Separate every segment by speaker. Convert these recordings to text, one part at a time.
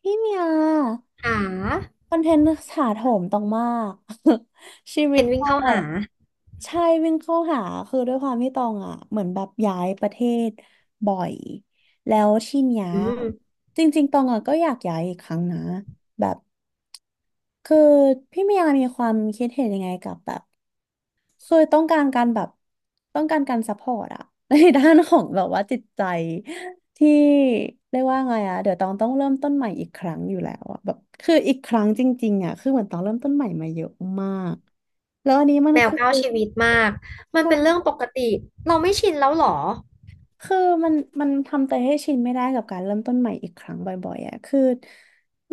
Speaker 1: พี่เมีย
Speaker 2: หา
Speaker 1: คอนเทนต์ถาโถมต้องมาก
Speaker 2: ค
Speaker 1: ชี
Speaker 2: อนเท
Speaker 1: วิต
Speaker 2: นต์
Speaker 1: ต
Speaker 2: วิ่ง
Speaker 1: อ
Speaker 2: เข้า
Speaker 1: งอะ
Speaker 2: หา
Speaker 1: ใช่วิ่งเข้าหาคือด้วยความที่ตองอ่ะเหมือนแบบย้ายประเทศบ่อยแล้วที่เนี้ยจริงๆตองอ่ะก็อยากย้ายอีกครั้งนะแบบคือพี่เมียมีความคิดเห็นยังไงกับแบบ เคยต้องการการแบบต้องการการซัพพอร์ตอะ ในด้านของแบบว่าจิตใจที่เรียกว่าไงอะเดี๋ยวตองต้องเริ่มต้นใหม่อีกครั้งอยู่แล้วอะแบบคืออีกครั้งจริงๆอะคือเหมือนตองเริ่มต้นใหม่มาเยอะมากแล้วอันนี้มัน
Speaker 2: แมว
Speaker 1: คือ
Speaker 2: เก้าชีวิตมากมันเป็นเรื่องป
Speaker 1: ใช่
Speaker 2: กติเราไม่ชินแล้วหรอ
Speaker 1: คือมันมันทำใจให้ชินไม่ได้กับการเริ่มต้นใหม่อีกครั้งบ่อยๆอะคือ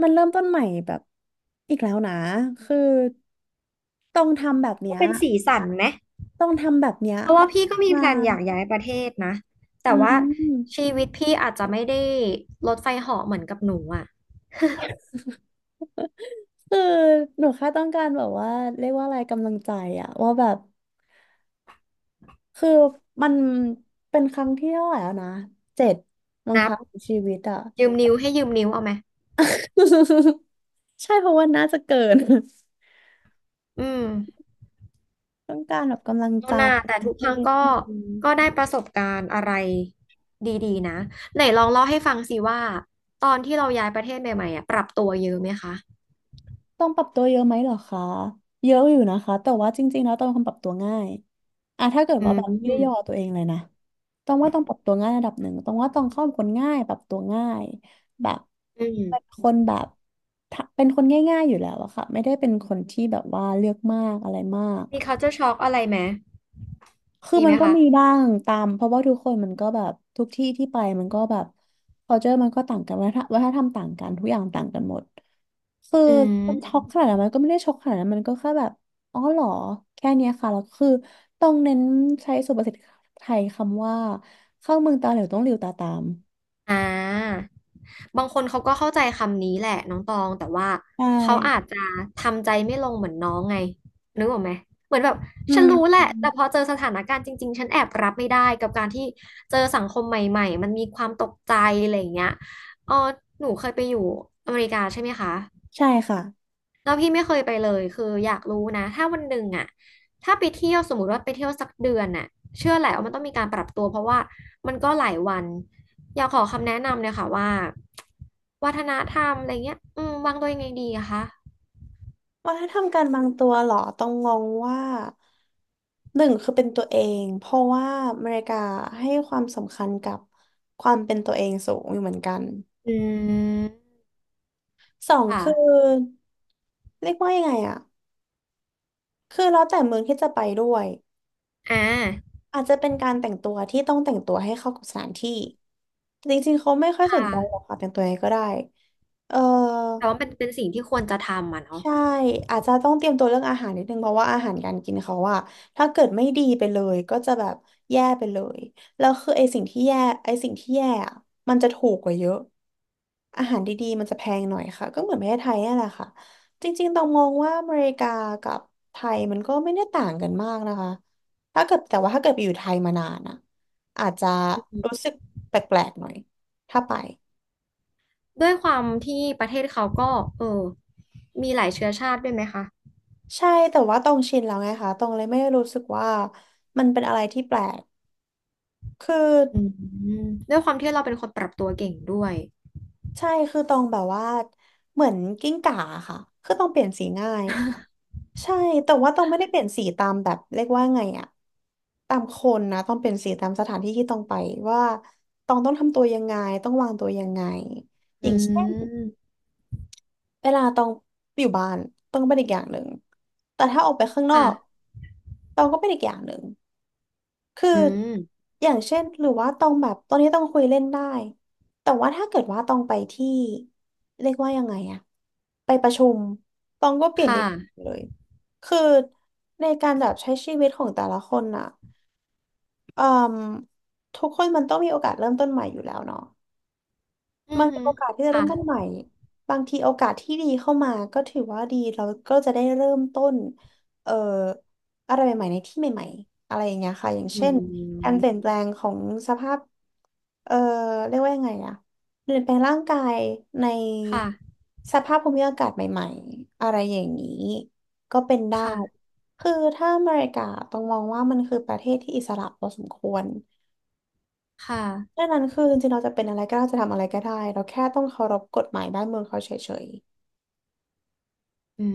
Speaker 1: มันเริ่มต้นใหม่แบบอีกแล้วนะคือต้องทำแบบเนี้
Speaker 2: ก็
Speaker 1: ย
Speaker 2: เป็นสีสันไหม
Speaker 1: ต้องทำแบบเนี้ย
Speaker 2: เพราะว่าพี่ก็มี
Speaker 1: มา
Speaker 2: แพลนอยากย้ายประเทศนะ
Speaker 1: อื
Speaker 2: แต่ว่า
Speaker 1: ม
Speaker 2: ชีวิตพี่อาจจะไม่ได้รถไฟเหาะเหมือนกับหนูอ่ะ
Speaker 1: คือหนูแค่ต้องการแบบว่าเรียกว่าอะไรกำลังใจอะว่าแบบคือมันเป็นครั้งที่เท่าไหร่แล้วนะเจ็ดมั้ง
Speaker 2: นับ
Speaker 1: คะของชีวิตอะ
Speaker 2: ยืมนิ้วให้ยืมนิ้วเอาไหม
Speaker 1: ใช่เพราะว่าน่าจะเกิน
Speaker 2: อืม
Speaker 1: ต้องการแบบกำลัง
Speaker 2: เอา
Speaker 1: ใจ
Speaker 2: หน้าแต่ทุก
Speaker 1: พู
Speaker 2: ครั้ง
Speaker 1: ด
Speaker 2: ก็ก็ได้ประสบการณ์อะไรดีๆนะไหนลองเล่าให้ฟังสิว่าตอนที่เราย้ายประเทศใหม่ๆอ่ะปรับตัวเยอะไหมคะ
Speaker 1: ต้องปรับตัวเยอะไหมเหรอคะเยอะอยู่นะคะแต่ว่าจริงๆแล้วต้องเป็นคนปรับตัวง่ายอ่ะถ้าเกิด
Speaker 2: อื
Speaker 1: ว่าแบบไม่ได้ย่อ
Speaker 2: ม
Speaker 1: ตัวเองเลยนะต้องว่าต้องปรับตัวง่ายระดับหนึ่งต้องว่าต้องเข้าเป็นคนง่ายปรับตัวง่ายแบบ
Speaker 2: อื
Speaker 1: เป็น
Speaker 2: ม
Speaker 1: คนแบบถ้าเป็นคนง่ายๆอยู่แล้วอะค่ะไม่ได้เป็นคนที่แบบว่าเลือกมากอะไรมาก
Speaker 2: มี culture shock อะไรไหม
Speaker 1: คือ
Speaker 2: มี
Speaker 1: มั
Speaker 2: ไหม
Speaker 1: นก็
Speaker 2: คะ
Speaker 1: มีบ้างตามเพราะว่าทุกคนมันก็แบบทุกที่ที่ไปมันก็แบบ culture มันก็ต่างกันวัฒนธรรมวัฒนธรรมต่างกันทุกอย่างต่างกันหมดคือ
Speaker 2: อื
Speaker 1: มันช็อก
Speaker 2: ม
Speaker 1: ขนาดนั้นมันก็ไม่ได้ช็อกขนาดนั้นมันก็แค่แบบอ๋อเหรอแค่เนี้ยค่ะแล้วคือต้องเน้นใช้สุภาษิตไทยคำว่าเข้าเมืองตาเหลวต้องหลิวตาตาม
Speaker 2: อ่าบางคนเขาก็เข้าใจคำนี้แหละน้องตอง แต่ว่า
Speaker 1: ใช่
Speaker 2: เขาอาจจะทำใจไม่ลงเหมือนน้องไงนึกออกไหม เหมือนแบบ
Speaker 1: อื
Speaker 2: ฉันรู้แหละ แต่
Speaker 1: ม
Speaker 2: พอเจอสถานการณ์จริงๆ ฉันแอบรับไม่ได้กับการที่เจอสังคมใหม่ๆ มันมีความตกใจอะไรอย่างเงี้ยเออหนูเคยไปอยู่อเมริกาใช่ไหมคะ
Speaker 1: ใช่ค่ะ
Speaker 2: แล้วพี่ไม่เคยไปเลยคืออยากรู้นะถ้าวันหนึ่งอ่ะ ถ้าไปเที่ยวสมมติว่าไปเที่ยวสักเดือนน่ะเชื่อแหละว่ามันต้องมีการปรับตัวเพราะว่ามันก็หลายวันอยากขอคำแนะนำเลยค่ะว่าวัฒนธรรมอะไรเงี้ยอืมวางตัวยังไงดีอะคะ
Speaker 1: วัฒนธรรมการบางตัวเหรอต้องงงว่าหนึ่งคือเป็นตัวเองเพราะว่าอเมริกาให้ความสำคัญกับความเป็นตัวเองสูงอยู่เหมือนกัน
Speaker 2: อืม
Speaker 1: สอง
Speaker 2: ค่ะ
Speaker 1: คือเรียกว่ายังไงอะคือแล้วแต่เมืองที่จะไปด้วย
Speaker 2: อ่า
Speaker 1: อาจจะเป็นการแต่งตัวที่ต้องแต่งตัวให้เข้ากับสถานที่่จริงๆเขาไม่ค่อย
Speaker 2: ค
Speaker 1: สนใจหรอ
Speaker 2: ่ะ
Speaker 1: กค่ะแต่งตัวยังไงก็ได้เออ
Speaker 2: แต่ว่าเป็นเป็นสิ่งที่ควรจะทำอ่ะเนาะ
Speaker 1: ใช่อาจจะต้องเตรียมตัวเรื่องอาหารนิดนึงเพราะว่าอาหารการกินเขาอะถ้าเกิดไม่ดีไปเลยก็จะแบบแย่ไปเลยแล้วคือไอสิ่งที่แย่ไอสิ่งที่แย่อะมันจะถูกกว่าเยอะอาหารดีๆมันจะแพงหน่อยค่ะก็เหมือนประเทศไทยนี่นแหละค่ะจริงๆต้องมองว่าอเมริกากับไทยมันก็ไม่ได้ต่างกันมากนะคะถ้าเกิดแต่ว่าถ้าเกิดไปอยู่ไทยมานานอะอาจจะ
Speaker 2: อื
Speaker 1: รู้
Speaker 2: ม
Speaker 1: สึกแปลกๆหน่อยถ้าไป
Speaker 2: ด้วยความที่ประเทศเขาก็เออมีหลายเชื้อชาติด้วยไหมคะ
Speaker 1: ใช่แต่ว่าตองชินแล้วไงคะตองเลยไม่รู้สึกว่ามันเป็นอะไรที่แปลกคือ
Speaker 2: อืมด้วยความที่เราเป็นคนปรับตัวเก่งด้วย
Speaker 1: ใช่คือตองแบบว่าเหมือนกิ้งก่าค่ะคือตองเปลี่ยนสีง่ายใช่แต่ว่าตองไม่ได้เปลี่ยนสีตามแบบเรียกว่าไงอะตามคนนะต้องเปลี่ยนสีตามสถานที่ที่ตองไปว่าตองต้องทำตัวยังไงต้องวางตัวยังไงอ
Speaker 2: อื
Speaker 1: ย่างเช่น
Speaker 2: ม
Speaker 1: เวลาตองอยู่บ้านตองก็เป็นอีกอย่างหนึ่งแต่ถ้าออกไปข้างนอ
Speaker 2: ค่ะ
Speaker 1: กตองก็เป็นอีกอย่างหนึ่ง คือ
Speaker 2: อืม
Speaker 1: อย่างเช่นหรือว่าต้องแบบตอนนี้ต้องคุยเล่นได้แต่ว่าถ้าเกิดว่าต้องไปที่เรียกว่ายังไงอะไปประชุมต้องก็เปลี่ยนไป
Speaker 2: ค่ะ
Speaker 1: เลยคือในการแบบใช้ชีวิตของแต่ละคนอะเอ่มทุกคนมันต้องมีโอกาสเริ่มต้นใหม่อยู่แล้วเนาะ
Speaker 2: อื
Speaker 1: มั
Speaker 2: อ
Speaker 1: นเป็น
Speaker 2: หือ
Speaker 1: โอกาสที่จะเริ่
Speaker 2: ค่ะ
Speaker 1: มต้นใหม่ บางทีโอกาสที่ดีเข้ามาก็ถือว่าดีเราก็จะได้เริ่มต้นเอ่ออะไรใหม่ๆในที่ใหม่ๆอะไรอย่างเงี้ยค่ะอย่าง
Speaker 2: อื
Speaker 1: เช่นการเปลี่ยน
Speaker 2: ม
Speaker 1: แปลงของสภาพเอ่อเรียกว่ายังไงอะเปลี่ยนแปลงร่างกายใน
Speaker 2: ค่ะ
Speaker 1: สภาพภูมิอากาศใหม่ๆอะไรอย่างนี้ก็เป็นได้
Speaker 2: ค่ะ
Speaker 1: คือถ้าอเมริกาต้องมองว่ามันคือประเทศที่อิสระพอสมควร
Speaker 2: ค่ะ
Speaker 1: ดังนั้นคือจริงๆเราจะเป็นอะไรก็ได้จะทำอะไรก็ได้เราแค่ต้องเคารพกฎหมายบ้านเมืองเขาเฉย
Speaker 2: อื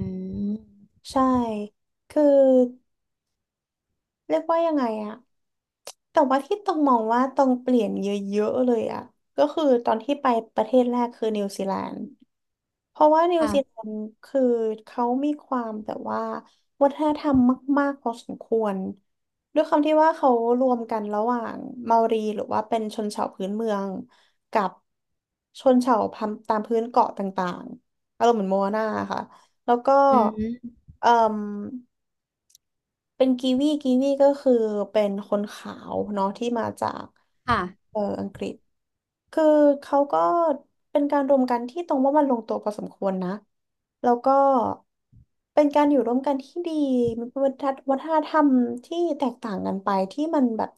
Speaker 2: ม
Speaker 1: ๆใช่คือเรียกว่ายังไงอะแต่ว่าที่ต้องมองว่าต้องเปลี่ยนเยอะๆเลยอะก็คือตอนที่ไปประเทศแรกคือนิวซีแลนด์ เพราะว่านิวซีแล
Speaker 2: ค่ะ
Speaker 1: นด์คือเขามีความแบบว่าวัฒนธรรมมากๆพอสมควรด้วยความที่ว่าเขารวมกันระหว่างเมารีหรือว่าเป็นชนเผ่าพื้นเมืองกับชนเผ่าพันธุ์ตามพื้นเกาะต่างๆอารมณ์เหมือนโมอานาค่ะแล้วก็
Speaker 2: อืม
Speaker 1: เอ่มเป็นกีวีกีวีก็คือเป็นคนขาวเนาะที่มาจาก
Speaker 2: ค่ะ
Speaker 1: อังกฤษ คือเขาก็เป็นการรวมกันที่ตรงว่ามันลงตัวพอสมควรนะแล้วก็เป็นการอยู่ร่วมกันที่ดีมีวัฒนธรรมที่แตกต่างกันไปที่มันแบบ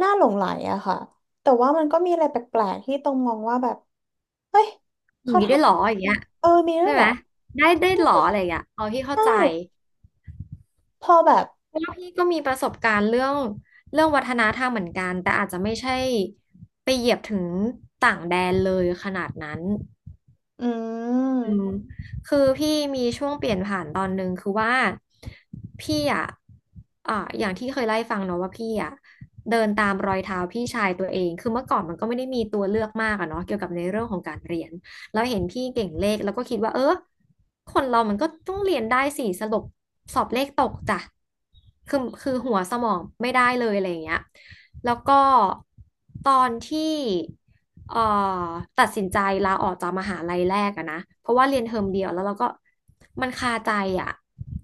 Speaker 1: น่าหลงใหลอะค่ะแต่ว่ามันก็มีอะไรแปลกๆที่ตรงมองว่าแบบเฮ้ย
Speaker 2: อย่า
Speaker 1: เขา
Speaker 2: งนี้ได้
Speaker 1: ทำ
Speaker 2: ห
Speaker 1: แบ
Speaker 2: รอ
Speaker 1: บ
Speaker 2: อย่าง
Speaker 1: นี้
Speaker 2: เงี้
Speaker 1: เห
Speaker 2: ย
Speaker 1: รอเออมีด้
Speaker 2: ใช่
Speaker 1: วยเห
Speaker 2: ไหม
Speaker 1: รอ
Speaker 2: ได้ได้หรออะไรอย่างเงี้ยอ๋อพี่
Speaker 1: ใช
Speaker 2: เข้าใจ
Speaker 1: ่พอแบบ
Speaker 2: เพราะว่าพี่ก็มีประสบการณ์เรื่องเรื่องวัฒนธรรมเหมือนกัน แต่อาจจะไม่ใช่ไปเหยียบถึงต่างแดนเลยขนาดนั้น
Speaker 1: อื
Speaker 2: อืม
Speaker 1: ม
Speaker 2: คือพี่มีช่วงเปลี่ยนผ่านตอนหนึ่งคือว่าพี่อ่ะอ่าอย่างที่เคยไล่ฟังเนาะว่าพี่อ่ะเดินตามรอยเท้าพี่ชายตัวเองคือเมื่อก่อนมันก็ไม่ได้มีตัวเลือกมากอะเนาะเกี่ยวกับในเรื่องของการเรียน เราเห็นพี่เก่งเลขแล้วก็คิดว่าเออคนเรามันก็ต้องเรียนได้ส่สรุปสอบเลขตกจ้ะคือหัวสมองไม่ได้เลยอะไรอย่างเงี้ยแล้วก็ตอนที่เอ่อตัดสินใจลาออกจากมหาลัยแรกอะนะเพราะว่าเรียนเทอมเดียวแล้วเราก็มันคาใจอะ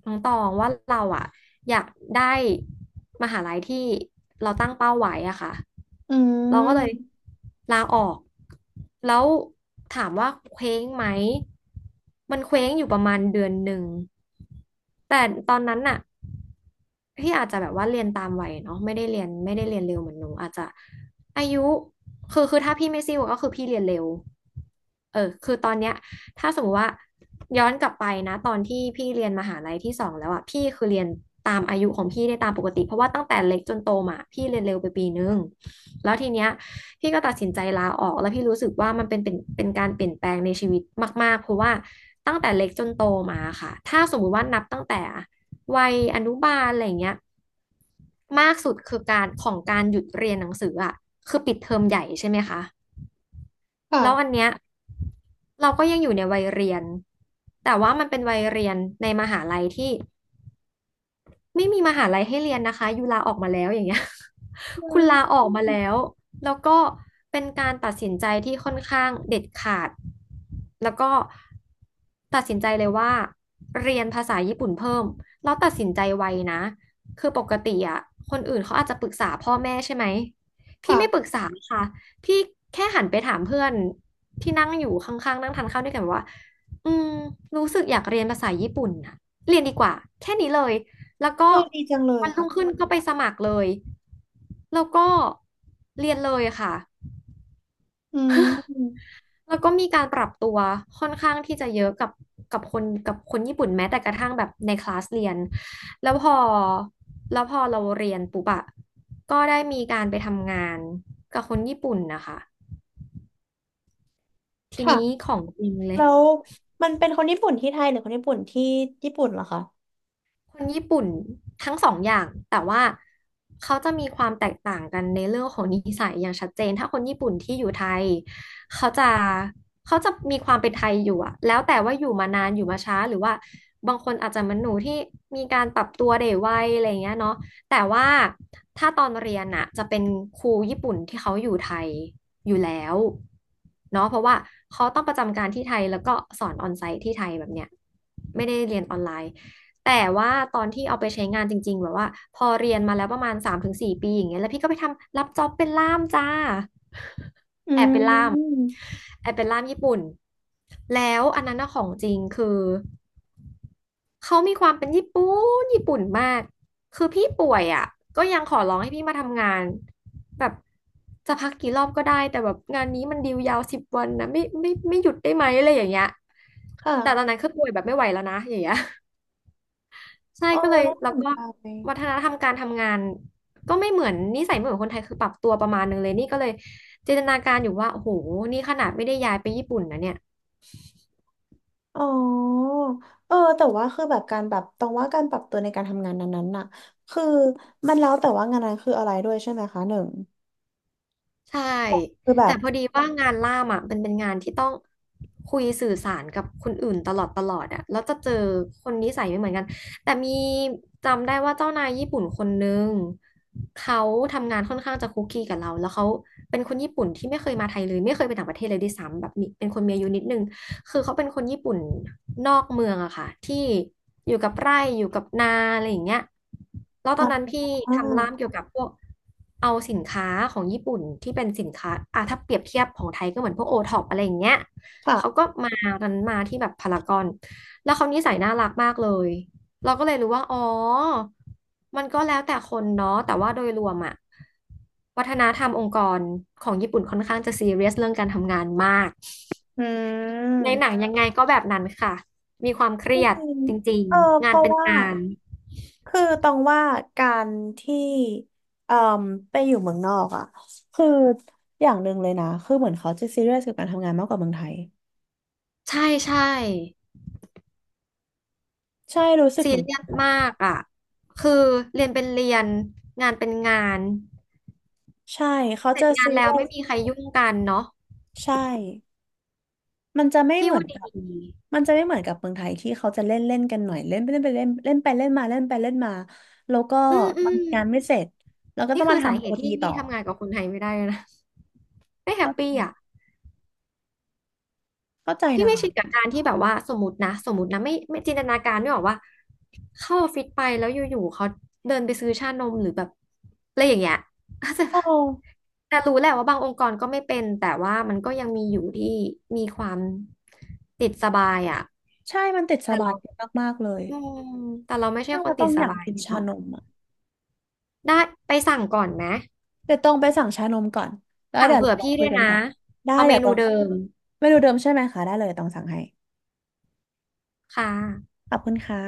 Speaker 2: น้องตองว่าเราอะอยากได้มหาลัยที่เราตั้งเป้าไว้อะค่ะ
Speaker 1: อื
Speaker 2: เราก็เลย
Speaker 1: ม
Speaker 2: ลาออก แล้วถามว่าเคว้งไหมมันเคว้งอยู่ประมาณเดือนหนึ่งแต่ตอนนั้นน่ะพี่อาจจะแบบว่าเรียนตามวัยเนาะไม่ได้เรียนไม่ได้เรียนเร็วเหมือนหนูอาจจะอายุคือถ้าพี่ไม่ซิ่วก็คือพี่เรียนเร็วเออคือตอนเนี้ยถ้าสมมติว่าย้อนกลับไปนะตอนที่พี่เรียนมหาลัยที่สองแล้วอ่ะพี่คือเรียนตามอายุของพี่ได้ตามปกติเพราะว่าตั้งแต่เล็กจนโตมาพี่เรียนเร็วไปปีนึง แล้วทีเนี้ยพี่ก็ตัดสินใจลาออกแล้วพี่รู้สึกว่ามันเป็นการเปลี่ยนแปลงในชีวิตมากๆเพราะว่าตั้งแต่เล็กจนโตมาค่ะถ้าสมมุติว่านับตั้งแต่วัยอนุบาลอะไรอย่างเงี้ยมากสุดคือการของการหยุดเรียนหนังสืออ่ะคือปิดเทอมใหญ่ใช่ไหมคะแล้วอั
Speaker 1: ค่ะ
Speaker 2: นเนี้ยเราก็ยังอยู่ในวัยเรียนแต่ว่ามันเป็นวัยเรียนในมหาลัยที่ ไม่มีมหาลัยให้เรียนนะคะยูลาออกมาแล้วอย่างเงี้ย
Speaker 1: อื
Speaker 2: คุณลา
Speaker 1: ม
Speaker 2: ออกมาแล้วแล้วก็เป็นการตัดสินใจที่ค่อนข้างเด็ดขาดแล้วก็ตัดสินใจเลยว่าเรียนภาษาญี่ปุ่นเพิ่มแล้วตัดสินใจไวนะคือปกติอ่ะคนอื่นเขาอาจจะปรึกษาพ่อแม่ใช่ไหมพี่
Speaker 1: ค่ะ
Speaker 2: ไม่ปรึกษาค่ะพี่แค่หันไปถามเพื่อนที่นั่งอยู่ข้างๆนั่งทานข้าวด้วยกันว่าอืมรู้สึกอยากเรียนภาษาญี่ปุ่นน่ะเรียนดีกว่าแค่นี้เลย แล้วก็
Speaker 1: เออดีจังเลย
Speaker 2: วันรุ่
Speaker 1: ค่ะ
Speaker 2: งขึ้นก็ไปสมัครเลยแล้วก็เรียนเลยค่ะ
Speaker 1: อืม
Speaker 2: แล้วก็มีการปรับตัวค่อนข้างที่จะเยอะกับกับคนกับคนญี่ปุ่นแม้แต่กระทั่งแบบในคลาสเรียนแล้วพอแล้วพอเราเรียนปุ๊บอะก็ได้มีการไปทำงานกับคนญี่ปุ่นนะคะทีนี้
Speaker 1: ค่ะ
Speaker 2: ของจริงเลย
Speaker 1: แล้วมันเป็นคนญี่ปุ่นที่ไทยหรือคนญี่ปุ่นที่ญี่ปุ่นเหรอคะ
Speaker 2: คนญี่ปุ่นทั้งสองอย่างแต่ว่าเขาจะมีความแตกต่างกันในเรื่องของนิสัยอย่างชัดเจนถ้าคนญี่ปุ่นที่อยู่ไทยเขาจะเขาจะมีความเป็นไทยอยู่อะแล้วแต่ว่าอยู่มานานอยู่มาช้าหรือว่าบางคนอาจจะเหมันหนูที่มีการปรับตัวได้ไวอะไรอย่างเงี้ยเนาะแต่ว่าถ้าตอนเรียนอะจะเป็นครูญี่ปุ่นที่เขาอยู่ไทยอยู่แล้วเนาะเพราะว่าเขาต้องประจำการที่ไทยแล้วก็สอนออนไซต์ที่ไทยแบบเนี้ยไม่ได้เรียนออนไลน์ แต่ว่าตอนที่เอาไปใช้งานจริงๆแบบว่าพอเรียนมาแล้วประมาณ3 ถึง 4 ปีอย่างเงี้ยแล้วพี่ก็ไปทำรับจ็อบเป็นล่ามจ้า
Speaker 1: อื
Speaker 2: แอบเป็นล่าม
Speaker 1: ม
Speaker 2: แอบเป็นล่ามญี่ปุ่นแล้วอันนั้นนะของจริงคือเขามีความเป็นญี่ปุ่นมากคือพี่ป่วยอ่ะก็ยังขอร้องให้พี่มาทำงานแบบจะพักกี่รอบก็ได้แต่แบบงานนี้มันดีลยาว10 วันนะไม่หยุดได้ไหมอะไรอย่างเงี้ย
Speaker 1: ค่ะ
Speaker 2: แต่ตอนนั้นคือป่วยแบบไม่ไหวแล้วนะอย่างเงี้ย ใช่
Speaker 1: อออ
Speaker 2: ก็เลย
Speaker 1: น่าส
Speaker 2: แล้ว
Speaker 1: น
Speaker 2: ก็
Speaker 1: ใ
Speaker 2: วั
Speaker 1: จ
Speaker 2: ฒนธรรมการทำงานก็ไม่เหมือนนิสัยไม่เหมือนคนไทยคือปรับตัวประมาณนึงเลยนี่ก็เลยจินตนาการอยู่ว่าโอ้โหนี่ขนาดไม่ได้ย้ายไปญี่ปุ่นนะเนี่ย
Speaker 1: อ๋อเออแต่ว่าคือแบบการแบบตรงว่าการปรับตัวในการทำงานนั้นๆน่ะคือมันแล้วแต่ว่างานนั้นคืออะไรด้วยใช่ไหมคะหนึ่ง
Speaker 2: ใช่
Speaker 1: คือแบ
Speaker 2: แต่
Speaker 1: บ
Speaker 2: พอดีว่างานล่ามอ่ะมันเป็นงานที่ต้องคุยสื่อสารกับคนอื่นตลอดอ่ะแล้วจะเจอคนนิสัยไม่เหมือนกันแต่มีจำได้ว่าเจ้านายญี่ปุ่นคนนึงเขาทำงานค่อนข้างจะคุกกีกับเราแล้วเขาเป็นคนญี่ปุ่นที่ไม่เคยมาไทยเลยไม่เคยไปต่างประเทศเลยด้วยซ้ำแบบมีเป็นคนมีอายุนิดนึง คือเขาเป็นคนญี่ปุ่นนอกเมืองอะค่ะที่อยู่กับไร่อยู่กับนาอะไรอย่างเงี้ยแล้วต
Speaker 1: อ่
Speaker 2: อนนั้น
Speaker 1: า
Speaker 2: พี่ทำร้านเกี่ยวกับพวกเอาสินค้าของญี่ปุ่นที่เป็นสินค้าอ่ะถ้าเปรียบเทียบของไทยก็เหมือนพวกโอท็อปอะไรอย่างเงี้ยเขาก็
Speaker 1: ค่ะ
Speaker 2: มารันมาที่แบบพารากอนแล้วเขานิสัยน่ารักมากเลยเราก็เลยรู้ว่าอ๋อมันก็แล้วแต่คนเนาะแต่ว่าโดยรวมอะวัฒนธรรมองค์กรของญี่ปุ่นค่อนข้างจะซีเรียสเรื่องการทำงานมาก
Speaker 1: อื
Speaker 2: ใน
Speaker 1: ม
Speaker 2: หนังยังไงก็แบบนั้นค่ะมีความเค
Speaker 1: จร
Speaker 2: รียด
Speaker 1: ิง
Speaker 2: จริง
Speaker 1: ๆเออ
Speaker 2: ๆ
Speaker 1: เพ
Speaker 2: งาน
Speaker 1: ราะ
Speaker 2: เป็น
Speaker 1: ว่า
Speaker 2: งาน
Speaker 1: คือต้องว่าการที่เอ่มไปอยู่เมืองนอกอ่ะคืออย่างหนึ่งเลยนะคือเหมือนเขาจะซีเรียสกับการทำงานมากกว่าเมืองไทย
Speaker 2: ใช่ใช่
Speaker 1: ใช่รู้สึก
Speaker 2: ซี
Speaker 1: เหมือน
Speaker 2: เรี
Speaker 1: กัน
Speaker 2: ยสมากอ่ะคือเรียนเป็นเรียนงานเป็นงาน
Speaker 1: ใช่เขา
Speaker 2: เสร็
Speaker 1: จะ
Speaker 2: จงา
Speaker 1: ซี
Speaker 2: นแล้
Speaker 1: เรี
Speaker 2: ว
Speaker 1: ย
Speaker 2: ไม่
Speaker 1: ส
Speaker 2: มีใครยุ่งกันเนาะ
Speaker 1: ใช่มันจะไม่
Speaker 2: ที่
Speaker 1: เหมือน
Speaker 2: ว่าดี
Speaker 1: กับมันจะไม่เหมือนกับเมืองไทยที่เขาจะเล่นเล่นกันหน่อยเล่นไปเล่นไปเล่นเล่นไปเล่นมาเล่นไปเล่นมาแล้วก็
Speaker 2: อืมอื
Speaker 1: บาง
Speaker 2: ม
Speaker 1: งานไม่เสร็จแล้วก็
Speaker 2: นี่
Speaker 1: ต้อง
Speaker 2: คื
Speaker 1: มา
Speaker 2: อสา
Speaker 1: ทำ
Speaker 2: เห
Speaker 1: โอ
Speaker 2: ตุ
Speaker 1: ที
Speaker 2: ที่
Speaker 1: ต่
Speaker 2: พี่
Speaker 1: อ
Speaker 2: ทำงานกับคนไทยไม่ได้เลยนะไม่แฮ
Speaker 1: เข้
Speaker 2: ปปี้
Speaker 1: า
Speaker 2: อ่ะ
Speaker 1: เข้าใจ
Speaker 2: พี่
Speaker 1: นะ
Speaker 2: ไม่ชินกับ
Speaker 1: คะ
Speaker 2: การที่แบบว่าสมมตินะไม่จินตนาการไม่ออกว่าเข้าออฟฟิศไปแล้วอยู่ๆเขาเดินไปซื้อชานมหรือแบบอะไรอย่างเงี้ย เข้าใจ
Speaker 1: โอ้
Speaker 2: ปะแต่รู้แหละว่าบางองค์กรก็ไม่เป็นแต่ว่ามันก็ยังมีอยู่ที่มีความติดสบายอ่ะ
Speaker 1: ใช่มันติดส
Speaker 2: แต่
Speaker 1: บาย
Speaker 2: เรา
Speaker 1: มากๆเลย
Speaker 2: อืมแต่เราไม่ใช่
Speaker 1: ถ้า
Speaker 2: ค
Speaker 1: เรา
Speaker 2: นติ
Speaker 1: ต้อ
Speaker 2: ด
Speaker 1: ง
Speaker 2: ส
Speaker 1: อยาก
Speaker 2: บาย
Speaker 1: กินชา
Speaker 2: เนาะ
Speaker 1: นม
Speaker 2: ได้ไปสั่งก่อนไหม
Speaker 1: เดี๋ยวต้องไปสั่งชานมก่อนแล้ว
Speaker 2: สั่ง
Speaker 1: เดี๋ยว
Speaker 2: เผื่
Speaker 1: เรา
Speaker 2: อ
Speaker 1: มา
Speaker 2: พี่
Speaker 1: คุ
Speaker 2: ด้
Speaker 1: ย
Speaker 2: วย
Speaker 1: กัน
Speaker 2: นะ
Speaker 1: ต่อได้
Speaker 2: เอาเม
Speaker 1: เดี๋ยว
Speaker 2: นู
Speaker 1: ต้อง
Speaker 2: เดิม
Speaker 1: ไม่รู้เดิมใช่ไหมคะได้เลยต้องสั่งให้
Speaker 2: ค่ะ
Speaker 1: ขอบคุณค่ะ